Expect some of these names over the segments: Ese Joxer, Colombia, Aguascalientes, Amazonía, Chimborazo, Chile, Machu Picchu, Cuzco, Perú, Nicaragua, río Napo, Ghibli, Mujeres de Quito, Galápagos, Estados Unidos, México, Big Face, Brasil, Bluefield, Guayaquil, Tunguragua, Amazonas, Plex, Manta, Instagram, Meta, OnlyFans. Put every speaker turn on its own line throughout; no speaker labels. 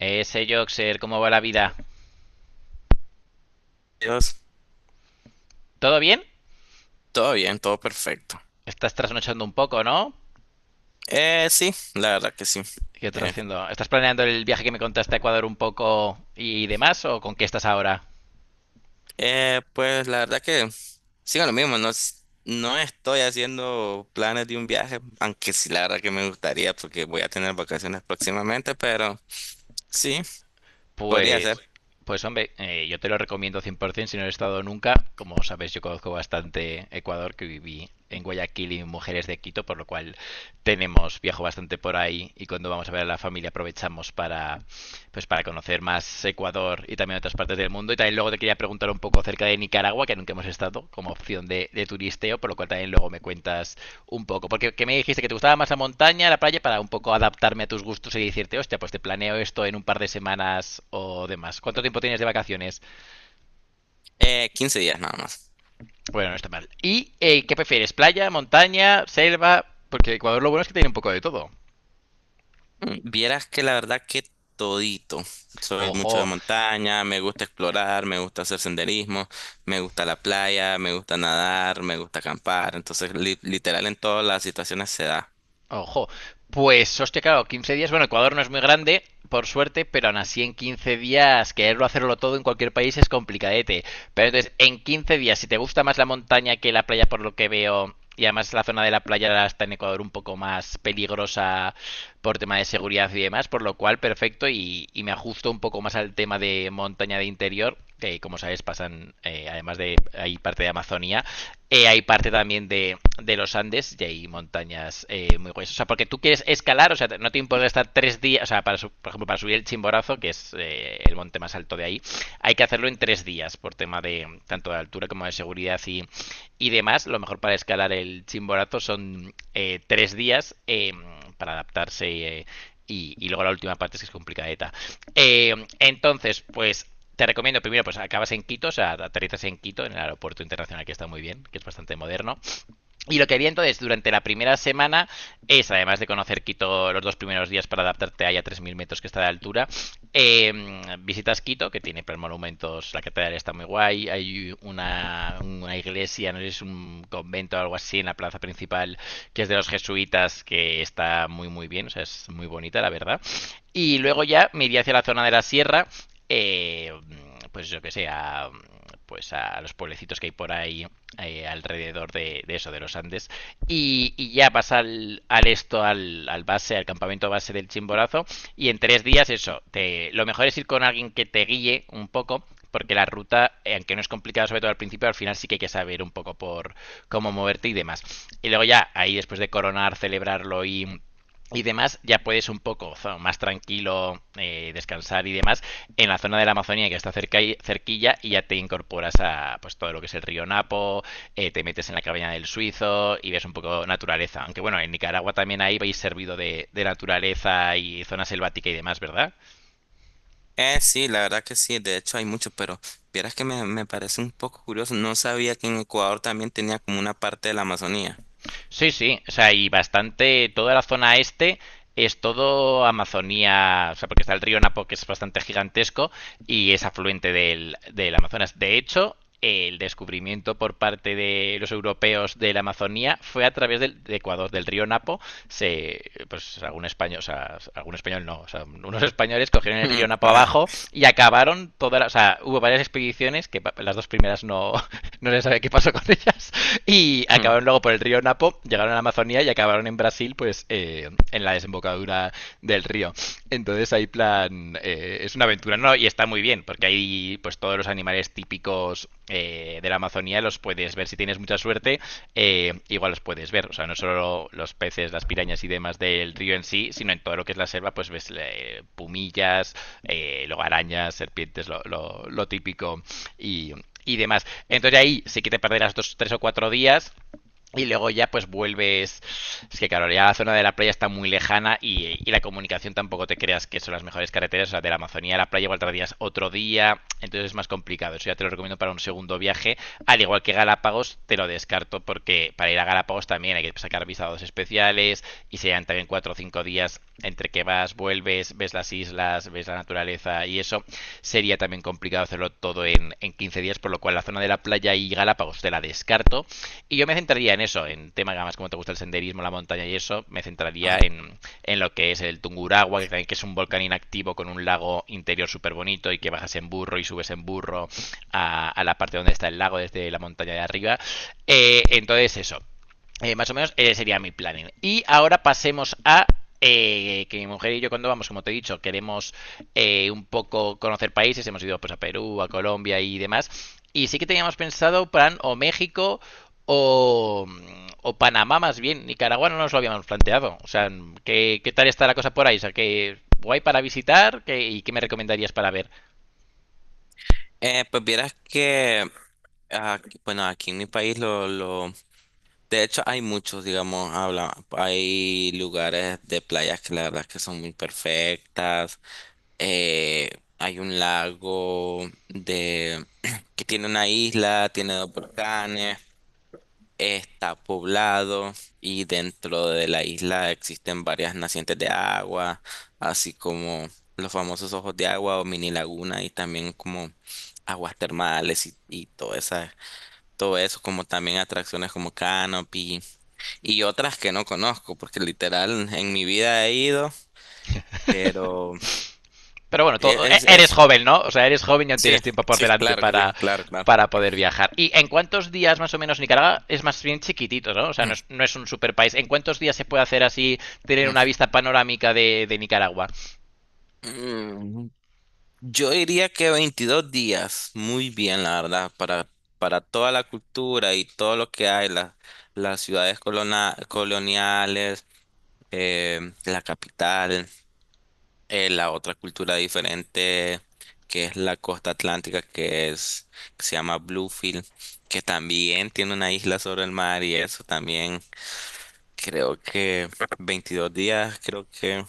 Ese Joxer, ¿cómo va la vida?
Dios,
¿Todo bien?
todo bien, todo perfecto.
Estás trasnochando un poco, ¿no?
Sí, la verdad que sí.
¿Qué estás
Eh,
haciendo? ¿Estás planeando el viaje que me contaste a Ecuador un poco y demás? ¿O con qué estás ahora?
pues la verdad que sigo lo mismo, no, no estoy haciendo planes de un viaje, aunque sí, la verdad que me gustaría porque voy a tener vacaciones próximamente, pero sí, podría ser
Pues, pues hombre, yo te lo recomiendo 100% si no has estado nunca. Como sabes, yo conozco bastante Ecuador, que viví en Guayaquil y en Mujeres de Quito, por lo cual tenemos, viajo bastante por ahí y cuando vamos a ver a la familia aprovechamos para, pues para conocer más Ecuador y también otras partes del mundo. Y también luego te quería preguntar un poco acerca de Nicaragua, que nunca hemos estado como opción de turisteo, por lo cual también luego me cuentas un poco. Porque que me dijiste que te gustaba más la montaña, la playa, para un poco adaptarme a tus gustos y decirte, hostia, pues te planeo esto en un par de semanas o demás. ¿Cuánto tiempo tienes de vacaciones?
15 días nada.
Bueno, no está mal. ¿Y qué prefieres? ¿Playa, montaña, selva? Porque Ecuador lo bueno es que tiene un poco de todo.
Vieras que la verdad que todito. Soy mucho de
Ojo,
montaña, me gusta explorar, me gusta hacer senderismo, me gusta la playa, me gusta nadar, me gusta acampar. Entonces, literal en todas las situaciones se da.
Ojo, pues hostia, claro, 15 días. Bueno, Ecuador no es muy grande, por suerte, pero aún así en 15 días quererlo hacerlo todo en cualquier país es complicadete. Pero entonces, en 15 días, si te gusta más la montaña que la playa, por lo que veo, y además la zona de la playa está en Ecuador un poco más peligrosa por tema de seguridad y demás, por lo cual perfecto y me ajusto un poco más al tema de montaña de interior, que como sabes pasan, además de hay parte de Amazonía, hay parte también de los Andes y hay montañas muy gruesas. O sea, porque tú quieres escalar, o sea, no te importa estar 3 días, o sea, por ejemplo, para subir el Chimborazo, que es el monte más alto de ahí, hay que hacerlo en 3 días por tema de tanto de altura como de seguridad y demás. Lo mejor para escalar el Chimborazo son 3 días para adaptarse eh, y luego la última parte es que es complicadeta. Entonces, pues te recomiendo primero, pues acabas en Quito, o sea, aterrizas en Quito, en el aeropuerto internacional que está muy bien, que es bastante moderno. Y lo que había entonces durante la primera semana es, además de conocer Quito los dos primeros días para adaptarte ahí a 3000 metros que está de altura, eh, visitas Quito, que tiene pues, monumentos, la catedral está muy guay, hay una iglesia, no sé si es un convento o algo así en la plaza principal, que es de los jesuitas, que está muy muy bien, o sea, es muy bonita la verdad. Y luego ya me iría hacia la zona de la sierra, eh, pues yo que sé, pues a los pueblecitos que hay por ahí alrededor de los Andes. Y ya vas al, al esto, al, al, base, al campamento base del Chimborazo. Y en 3 días, eso, te, lo mejor es ir con alguien que te guíe un poco. Porque la ruta, aunque no es complicada, sobre todo al principio, al final sí que hay que saber un poco por cómo moverte y demás. Y luego ya, ahí después de coronar, celebrarlo y demás, ya puedes un poco más tranquilo descansar y demás en la zona de la Amazonía que está cerca, cerquilla y ya te incorporas a pues todo lo que es el río Napo, te metes en la cabaña del Suizo y ves un poco naturaleza. Aunque bueno, en Nicaragua también ahí vais servido de naturaleza y zona selvática y demás, ¿verdad?
Sí, la verdad que sí, de hecho hay mucho, pero vieras que me parece un poco curioso. No sabía que en Ecuador también tenía como una parte de la Amazonía.
Sí, sí, o sea, y bastante, toda la zona este es todo Amazonía, o sea, porque está el río Napo que es bastante gigantesco y es afluente del Amazonas. De hecho, el descubrimiento por parte de los europeos de la Amazonía fue a través del, de Ecuador, del río Napo. Se, pues algún español, o sea, algún español no, o sea, unos españoles cogieron el
Mm.
río Napo
Ajá.
abajo y acabaron todas, o sea, hubo varias expediciones que las dos primeras no, no se sabe qué pasó con ellas. Y
Mm.
acabaron luego por el río Napo, llegaron a la Amazonía y acabaron en Brasil, pues en la desembocadura del río. Entonces hay plan, es una aventura, ¿no? Y está muy bien, porque hay pues todos los animales típicos de la Amazonía los puedes ver. Si tienes mucha suerte, igual los puedes ver. O sea, no solo los peces, las pirañas y demás del río en sí, sino en todo lo que es la selva, pues ves pumillas, luego arañas, serpientes, lo típico y, y demás. Entonces ahí sí que te perderás dos, tres o cuatro días y luego ya pues vuelves, es que claro, ya la zona de la playa está muy lejana y la comunicación tampoco te creas que son las mejores carreteras, o sea, de la Amazonía a la playa igual tardías otro día, entonces es más complicado, eso ya te lo recomiendo para un segundo viaje, al igual que Galápagos te lo descarto porque para ir a Galápagos también hay que sacar visados especiales y serían también cuatro o cinco días entre que vas, vuelves, ves las islas, ves la naturaleza y eso, sería también complicado hacerlo todo en 15 días, por lo cual la zona de la playa y Galápagos te la descarto y yo me centraría en eso, en temas que además como te gusta el senderismo, la montaña y eso, me centraría
Ah.
en lo que es el Tunguragua, que también que es un volcán inactivo con un lago interior súper bonito y que bajas en burro y subes en burro a la parte donde está el lago desde la montaña de arriba. Entonces eso. Más o menos sería mi planning. Y ahora pasemos a que mi mujer y yo cuando vamos, como te he dicho, queremos un poco conocer países, hemos ido pues a Perú, a Colombia y demás. Y sí que teníamos pensado plan o México o, o Panamá más bien. Nicaragua no nos lo habíamos planteado. O sea, ¿qué tal está la cosa por ahí? O sea, ¿qué guay para visitar? ¿Y qué me recomendarías para ver?
Pues vieras que, ah, bueno, aquí en mi país lo. De hecho, hay muchos, digamos, habla, hay lugares de playas que la verdad es que son muy perfectas. Eh, Hay un lago de que tiene una isla, tiene dos volcanes, está poblado y dentro de la isla existen varias nacientes de agua, así como los famosos ojos de agua o mini laguna y también como aguas termales y todo esa, todo eso, como también atracciones como canopy y otras que no conozco, porque literal en mi vida he ido, pero
Pero bueno,
es, es,
eres
es-
joven, ¿no? O sea, eres joven y aún
sí,
tienes tiempo por
sí,
delante
claro que sí, claro, claro.
para poder viajar. ¿Y en cuántos días más o menos Nicaragua es más bien chiquitito, ¿no? O sea, no es, no es un super país. ¿En cuántos días se puede hacer así, tener una vista panorámica de Nicaragua?
Mm, Yo diría que 22 días, muy bien, la verdad, para toda la cultura y todo lo que hay, las ciudades coloniales, eh, la capital. La otra cultura diferente que es la costa atlántica, que es, que se llama Bluefield, que también tiene una isla sobre el mar y eso también creo que 22 días, creo que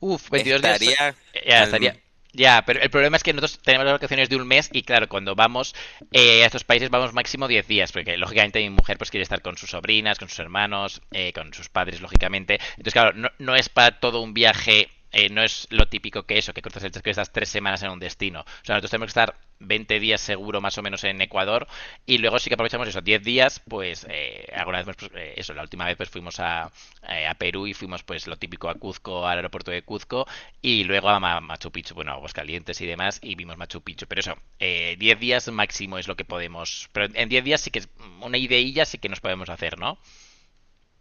Uf, 22 días
estaría
ya estaría.
al...
Ya, pero el problema es que nosotros tenemos las vacaciones de un mes y claro, cuando vamos a estos países vamos máximo 10 días, porque lógicamente mi mujer pues quiere estar con sus sobrinas, con sus hermanos, con sus padres, lógicamente. Entonces, claro, no, no es para todo un viaje no es lo típico que eso, que cruzas el que estás 3 semanas en un destino. O sea, nosotros tenemos que estar 20 días seguro más o menos en Ecuador y luego sí que aprovechamos esos 10 días, pues alguna vez, pues, eso, la última vez pues fuimos a Perú y fuimos pues lo típico a Cuzco, al aeropuerto de Cuzco y luego a Machu Picchu, bueno, a Aguascalientes y demás y vimos Machu Picchu. Pero eso, 10 días máximo es lo que podemos, pero en 10 días sí que es una ideilla sí que nos podemos hacer, ¿no?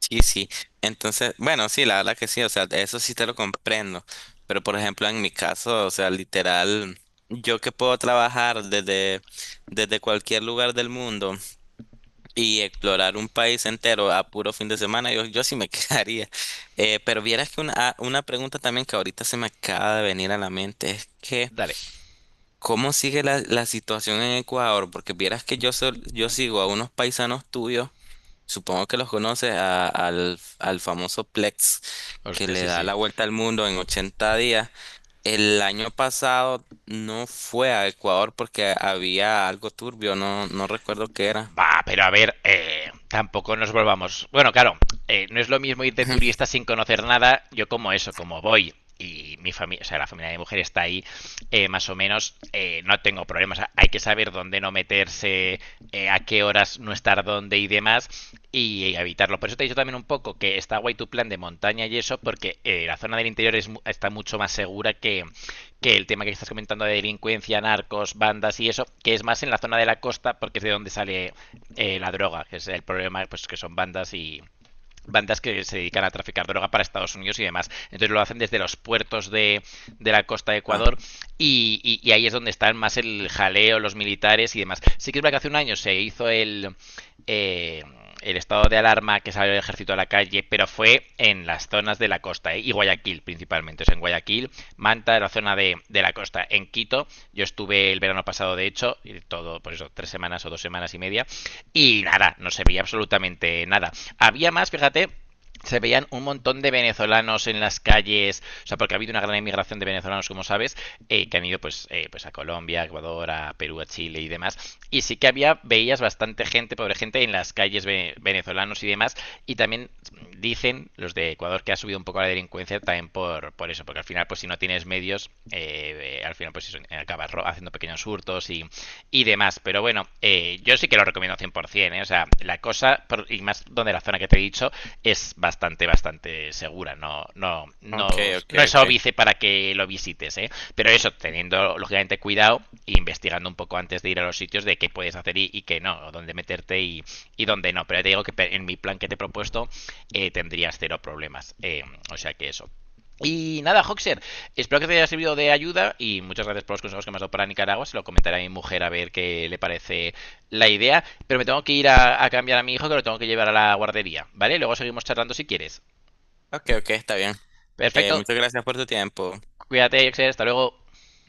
Sí, sí. Entonces, bueno, sí, la verdad que sí, o sea, eso sí te lo comprendo. Pero por ejemplo, en mi caso, o sea, literal, yo que puedo trabajar desde, desde cualquier lugar del mundo. Y explorar un país entero a puro fin de semana, yo sí me quedaría. Pero vieras que una, ah, una pregunta también que ahorita se me acaba de venir a la mente es que,
Dale.
¿cómo sigue la situación en Ecuador? Porque vieras que yo, yo sigo a unos paisanos tuyos, supongo que los conoces, al famoso Plex, que
Hostia,
le
sí,
da
sí.
la vuelta al mundo en 80 días. El año pasado no fue a Ecuador porque había algo turbio, no, no recuerdo qué era.
Va, pero a ver, tampoco nos volvamos. Bueno, claro, no es lo mismo ir de turista sin conocer nada. Yo como eso, como voy y mi familia, o sea, la familia de mi mujer está ahí, más o menos, no tengo problemas. Hay que saber dónde no meterse, a qué horas no estar dónde y demás, y evitarlo. Por eso te he dicho también un poco que está guay tu plan de montaña y eso, porque la zona del interior es está mucho más segura que el tema que estás comentando de delincuencia, narcos, bandas y eso, que es más en la zona de la costa porque es de donde sale la droga, que es el problema, pues que son bandas y bandas que se dedican a traficar droga para Estados Unidos y demás. Entonces lo hacen desde los puertos de la costa de Ecuador y ahí es donde están más el jaleo, los militares y demás. Sí que es verdad que hace un año se hizo eh, el estado de alarma que salió el ejército a la calle, pero fue en las zonas de la costa ¿eh? Y Guayaquil principalmente. O sea, en Guayaquil, Manta, la zona de la costa. En Quito, yo estuve el verano pasado, de hecho, y todo, por eso, 3 semanas o 2 semanas y media, y nada, no se veía absolutamente nada. Había más, fíjate, se veían un montón de venezolanos en las calles, o sea, porque ha habido una gran emigración de venezolanos, como sabes, que han ido pues a Colombia, a Ecuador, a Perú, a Chile y demás. Y sí que había, veías bastante gente, pobre gente, en las calles venezolanos y demás. Y también dicen los de Ecuador que ha subido un poco la delincuencia también por eso, porque al final, pues si no tienes medios, al final pues eso, acabas haciendo pequeños hurtos y demás. Pero bueno, yo sí que lo recomiendo 100%, ¿eh? O sea, la cosa, y más donde la zona que te he dicho, es bastante, bastante segura. No, no,
Ok,
no,
ok,
no es
ok.
óbice para que lo visites, ¿eh? Pero eso, teniendo lógicamente cuidado e investigando un poco antes de ir a los sitios de qué puedes hacer y qué no, o dónde meterte y dónde no. Pero ya te digo que en mi plan que te he propuesto tendrías cero problemas. O sea que eso. Y nada, Hoxer, espero que te haya servido de ayuda y muchas gracias por los consejos que me has dado para Nicaragua. Se lo comentaré a mi mujer a ver qué le parece la idea. Pero me tengo que ir a cambiar a mi hijo que lo tengo que llevar a la guardería, ¿vale? Luego seguimos charlando si quieres.
Ok, ok, está bien.
Perfecto,
Muchas gracias por tu tiempo.
cuídate, Hoxer, hasta luego.